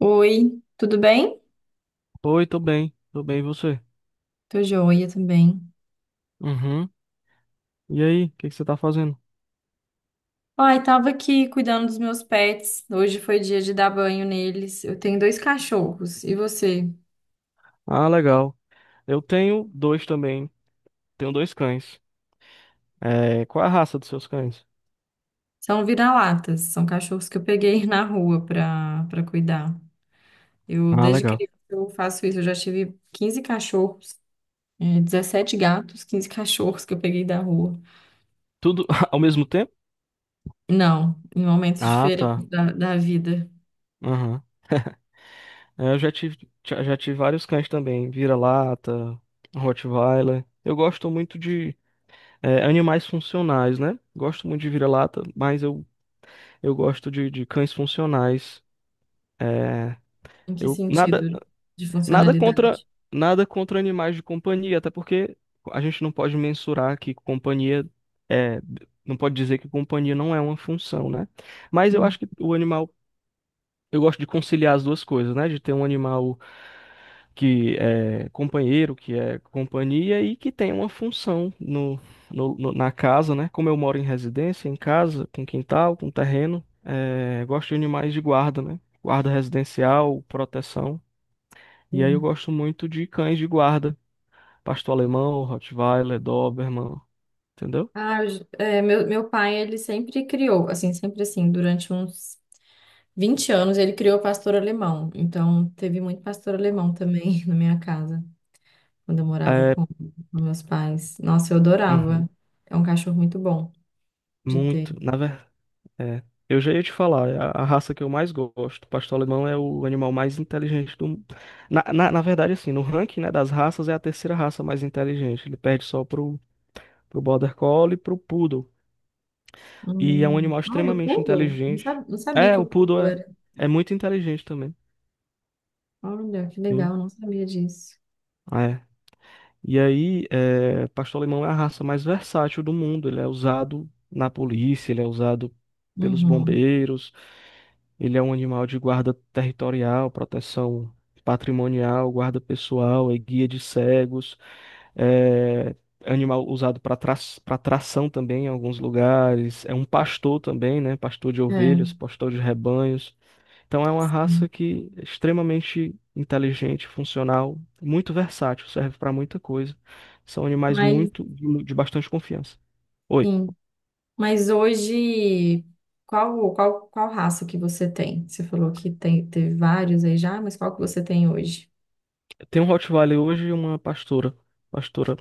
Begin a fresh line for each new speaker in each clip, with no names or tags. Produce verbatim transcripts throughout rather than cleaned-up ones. Oi, tudo bem?
Oi, tô bem, tô bem, e você?
Tô joia também.
Uhum. E aí, o que que você tá fazendo?
Ai, tava aqui cuidando dos meus pets. Hoje foi dia de dar banho neles. Eu tenho dois cachorros. E você?
Ah, legal. Eu tenho dois também, tenho dois cães. É, qual é a raça dos seus cães?
São vira-latas. São cachorros que eu peguei na rua pra, pra cuidar. Eu,
Ah,
desde
legal.
criança, eu faço isso. Eu já tive quinze cachorros, eh, dezessete gatos, quinze cachorros que eu peguei da rua.
Tudo ao mesmo tempo?
Não, em momentos
Ah, tá.
diferentes da, da vida.
Aham. É, eu já tive, já já tive vários cães também, vira-lata, Rottweiler. Eu gosto muito de é, animais funcionais, né? Gosto muito de vira-lata, mas eu, eu gosto de, de cães funcionais. É,
Em que
eu nada
sentido de
Nada contra,
funcionalidade?
nada contra animais de companhia, até porque a gente não pode mensurar que companhia é, não pode dizer que companhia não é uma função, né? Mas eu
Hum.
acho que o animal, eu gosto de conciliar as duas coisas, né? De ter um animal que é companheiro, que é companhia e que tem uma função no, no- no- na casa, né? Como eu moro em residência, em casa, com quintal, com terreno, é, gosto de animais de guarda, né? Guarda residencial, proteção. E aí eu
Hum.
gosto muito de cães de guarda, pastor alemão, Rottweiler, Doberman, entendeu?
Ah, eu j- é, meu, meu pai, ele sempre criou, assim, sempre assim, durante uns vinte anos, ele criou pastor alemão. Então, teve muito pastor alemão também na minha casa, quando eu morava
É,
com, com meus pais. Nossa, eu adorava.
uhum,
É um cachorro muito bom de ter.
muito, na verdade, é. Eu já ia te falar, é a, a raça que eu mais gosto, pastor alemão é o animal mais inteligente do mundo. Na, na, na verdade, assim, no ranking, né, das raças, é a terceira raça mais inteligente. Ele perde só pro, pro Border Collie e pro Poodle. E é um
Hum,
animal
olha, o
extremamente
poodle? Não
inteligente.
sabia, não sabia
É,
que o
o Poodle
poodle era.
é, é muito inteligente também.
Olha, que
Sim.
legal, não sabia disso.
é E aí, é, pastor alemão é a raça mais versátil do mundo. Ele é usado na polícia, ele é usado pelos
Uhum,
bombeiros, ele é um animal de guarda territorial, proteção patrimonial, guarda pessoal, é guia de cegos, é animal usado para tra para tração também em alguns lugares, é um pastor também, né? Pastor de ovelhas,
é.
pastor de rebanhos. Então é uma raça que é extremamente inteligente, funcional, muito versátil, serve para muita coisa. São animais
Mas,
muito de, mu- de bastante confiança. Oi,
sim. Mas hoje, qual, qual, qual raça que você tem? Você falou que tem, teve vários aí já, mas qual que você tem hoje?
tem um Rottweiler hoje e uma pastora, pastora,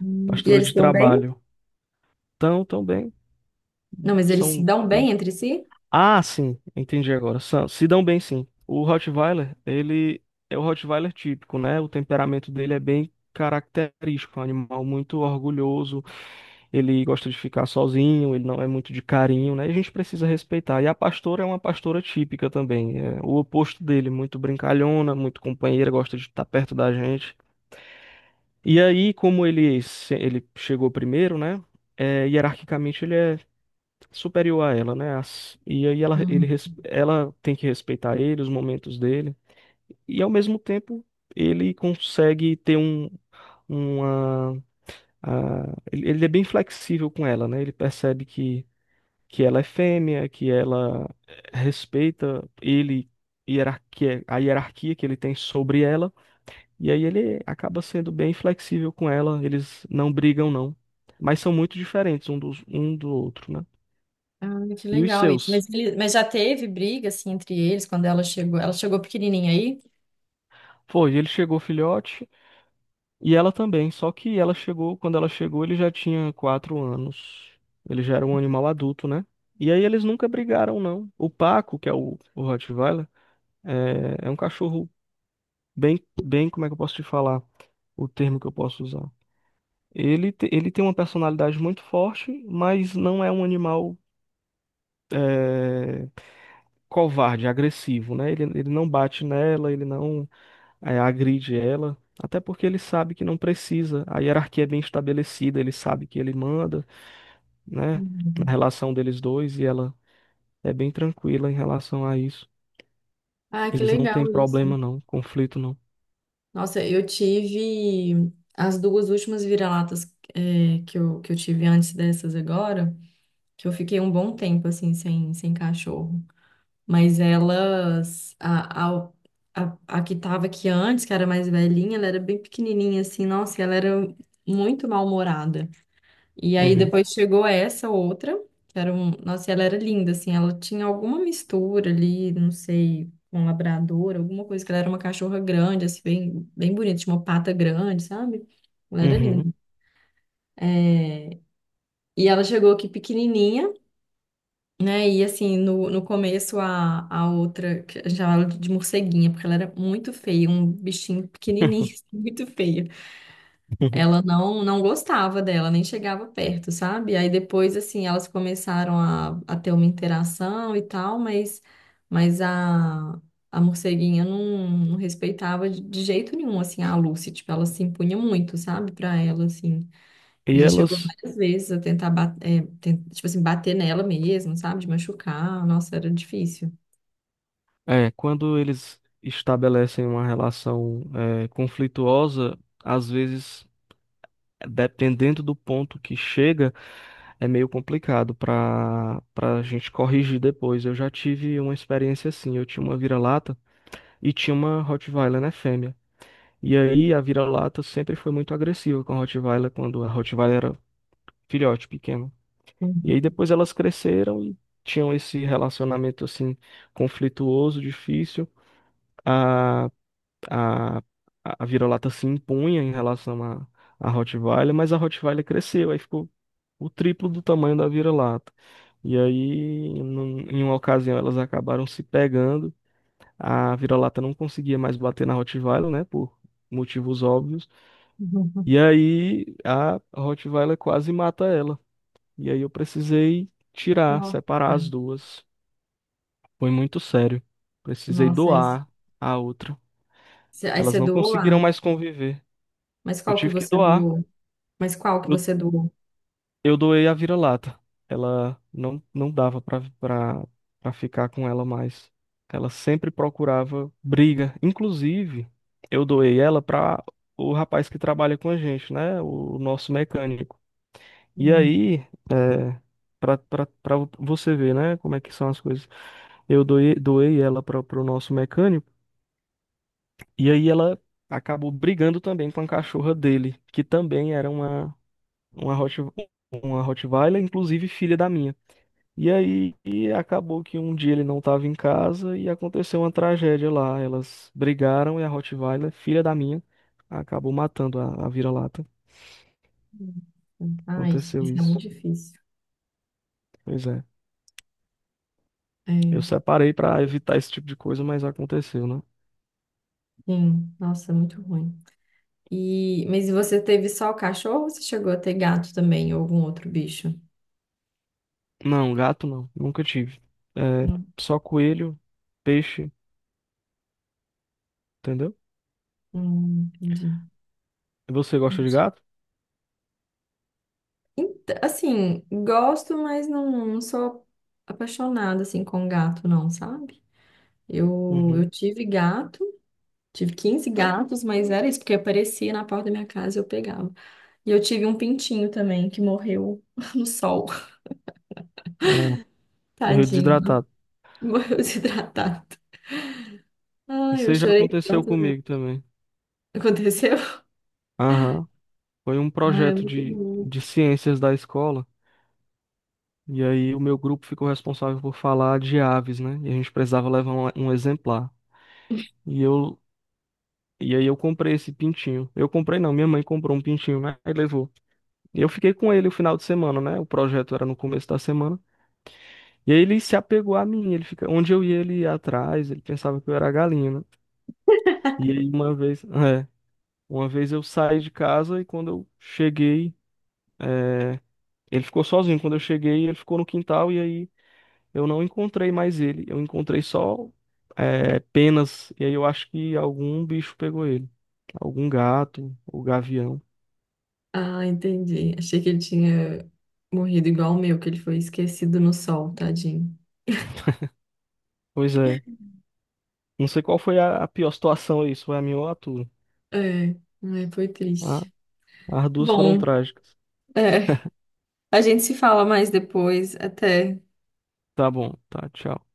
Hum, E
pastora
eles se
de
dão bem?
trabalho. Então, tão bem,
Não, mas eles se
são
dão
bem.
bem entre si?
Ah, sim, entendi agora. São- se dão bem, sim. O Rottweiler, ele é o Rottweiler típico, né? O temperamento dele é bem característico, é um animal muito orgulhoso. Ele gosta de ficar sozinho, ele não é muito de carinho, né? E a gente precisa respeitar. E a pastora é uma pastora típica também, é o oposto dele, muito brincalhona, muito companheira, gosta de estar perto da gente. E aí, como ele, se- ele chegou primeiro, né? É, hierarquicamente ele é superior a ela, né? As- e aí ela, ele,
Uhum.
res- ela tem que respeitar ele, os momentos dele. E ao mesmo tempo, ele consegue ter um, uma, a- ele ele é bem flexível com ela, né? Ele percebe que que ela é fêmea, que ela respeita ele, hierarquia, a hierarquia que ele tem sobre ela, e aí ele acaba sendo bem flexível com ela, eles não brigam não, mas são muito diferentes um dos, um do outro, né?
Ah, que
E os
legal isso.
seus?
Mas, ele- mas já teve briga, assim, entre eles quando ela chegou? Ela chegou pequenininha aí?
Foi, ele chegou filhote e ela também, só que ela chegou, quando ela chegou, ele já tinha quatro anos. Ele já era um animal adulto, né? E aí eles nunca brigaram, não. O Paco, que é o, o Rottweiler, é, é um cachorro bem, bem, como é que eu posso te falar o termo que eu posso usar? Ele, te- ele tem uma personalidade muito forte, mas não é um animal é, covarde, agressivo, né? Ele, ele não bate nela, ele não é, agride ela, até porque ele sabe que não precisa. A hierarquia é bem estabelecida, ele sabe que ele manda, né? Na
Uhum.
relação deles dois, e ela é bem tranquila em relação a isso.
Ah, que
Eles não
legal
têm
isso.
problema, não, conflito não.
Nossa, eu tive as duas últimas vira-latas, eh, que eu, que eu tive antes dessas agora, que eu fiquei um bom tempo, assim, sem, sem cachorro. Mas elas, a, a, a, a que tava aqui antes, que era mais velhinha, ela era bem pequenininha, assim, nossa, e ela era muito mal-humorada. E aí
Uhum,
depois chegou essa outra, que era um, nossa, e ela era linda, assim, ela tinha alguma mistura ali, não sei, com labrador, alguma coisa, que ela era uma cachorra grande, assim, bem, bem bonita, tinha uma pata grande, sabe? Ela era
uhum.
linda. E ela chegou aqui pequenininha, né? E assim, no, no começo a, a outra, que a gente chamava ela de morceguinha, porque ela era muito feia, um bichinho pequenininho, muito feia. Ela não, não gostava dela, nem chegava perto, sabe? Aí depois, assim, elas começaram a, a ter uma interação e tal, mas, mas a, a morceguinha não, não respeitava de, de jeito nenhum, assim, a Lucy, tipo, ela se impunha muito, sabe? Pra ela, assim. E
E
já chegou
elas
várias vezes a tentar, ba- é, ten- tipo assim, bater nela mesmo, sabe? De machucar. Nossa, era difícil.
é, quando eles estabelecem uma relação é, conflituosa, às vezes, dependendo do ponto que chega, é meio complicado para para a gente corrigir depois. Eu já tive uma experiência assim. Eu tinha uma vira-lata e tinha uma Rottweiler, né, fêmea. E aí a vira-lata sempre foi muito agressiva com a Rottweiler quando a Rottweiler era filhote pequeno. E aí depois elas cresceram e tinham esse relacionamento assim conflituoso, difícil. A a, a a vira-lata se impunha em relação à à Rottweiler, mas a Rottweiler cresceu, aí ficou o triplo do tamanho da vira-lata. E aí, num- em uma ocasião, elas acabaram se pegando. A vira-lata não conseguia mais bater na Rottweiler, né, por motivos óbvios.
Uhum.
E aí, a Rottweiler quase mata ela. E aí, eu precisei tirar,
Nossa.
separar as duas. Foi muito sério. Precisei
Nossa, aí
doar a outra.
você aí
Elas
você
não
doou a...
conseguiram mais conviver.
Mas
Eu
qual que
tive que
você
doar.
doou? Mas qual que
Eu,
você doou?
eu doei a vira-lata. Ela não, não dava pra, pra, pra ficar com ela mais. Ela sempre procurava briga. Inclusive, eu doei ela pra o rapaz que trabalha com a gente, né? O nosso mecânico. E
Uhum.
aí, é, pra, pra, pra você ver, né? Como é que são as coisas. Eu doei, doei ela pra, pro nosso mecânico. E aí ela acabou brigando também com a cachorra dele, que também era uma. uma Hot, uma Rottweiler, inclusive filha da minha. E aí e acabou que um dia ele não estava em casa e aconteceu uma tragédia lá. Elas brigaram e a Rottweiler, filha da minha, acabou matando a, a vira-lata.
Ai,
Aconteceu
isso é
isso.
muito difícil.
Pois é.
É,
Eu separei para evitar esse tipo de coisa, mas aconteceu, né?
sim, nossa, muito ruim. E, mas e você teve só o cachorro ou você chegou a ter gato também, ou algum outro bicho?
Não, gato não. Nunca tive. É,
Não,
só coelho, peixe, entendeu?
não entendi.
Você gosta de gato?
Ent- Assim, gosto, mas não, não sou apaixonada assim com gato, não, sabe? Eu,
Uhum.
eu tive gato, tive quinze gatos, mas era isso, porque aparecia na porta da minha casa e eu pegava. E eu tive um pintinho também que morreu no sol,
Ah, morreu
tadinho,
desidratado.
morreu desidratado. Ai,
Isso
eu
aí já
chorei
aconteceu
tanto, né?
comigo também.
Aconteceu?
Aham. Foi um
Ai, é
projeto
muito
de,
bom.
de ciências da escola, e aí o meu grupo ficou responsável por falar de aves, né? E a gente precisava levar um, um exemplar. E eu, e aí eu comprei esse pintinho. Eu comprei não, minha mãe comprou um pintinho, né? Aí levou. E eu fiquei com ele o final de semana, né? O projeto era no começo da semana. E aí ele se apegou a mim, ele fica, onde eu ia, ele ia atrás, ele pensava que eu era a galinha, né? E aí uma vez, é, uma vez eu saí de casa e quando eu cheguei, ele ficou sozinho, quando eu cheguei, ele ficou no quintal e aí eu não encontrei mais ele. Eu encontrei só é, penas. E aí eu acho que algum bicho pegou ele. Algum gato ou gavião.
Ah, entendi. Achei que ele tinha morrido igual o meu, que ele foi esquecido no sol, tadinho.
Pois é. Não sei qual foi a, a pior situação aí, se foi a minha ou a tua.
É, ai, foi
Ah,
triste.
as duas foram
Bom,
trágicas.
é, a gente se fala mais depois, até.
Tá bom, tá, tchau.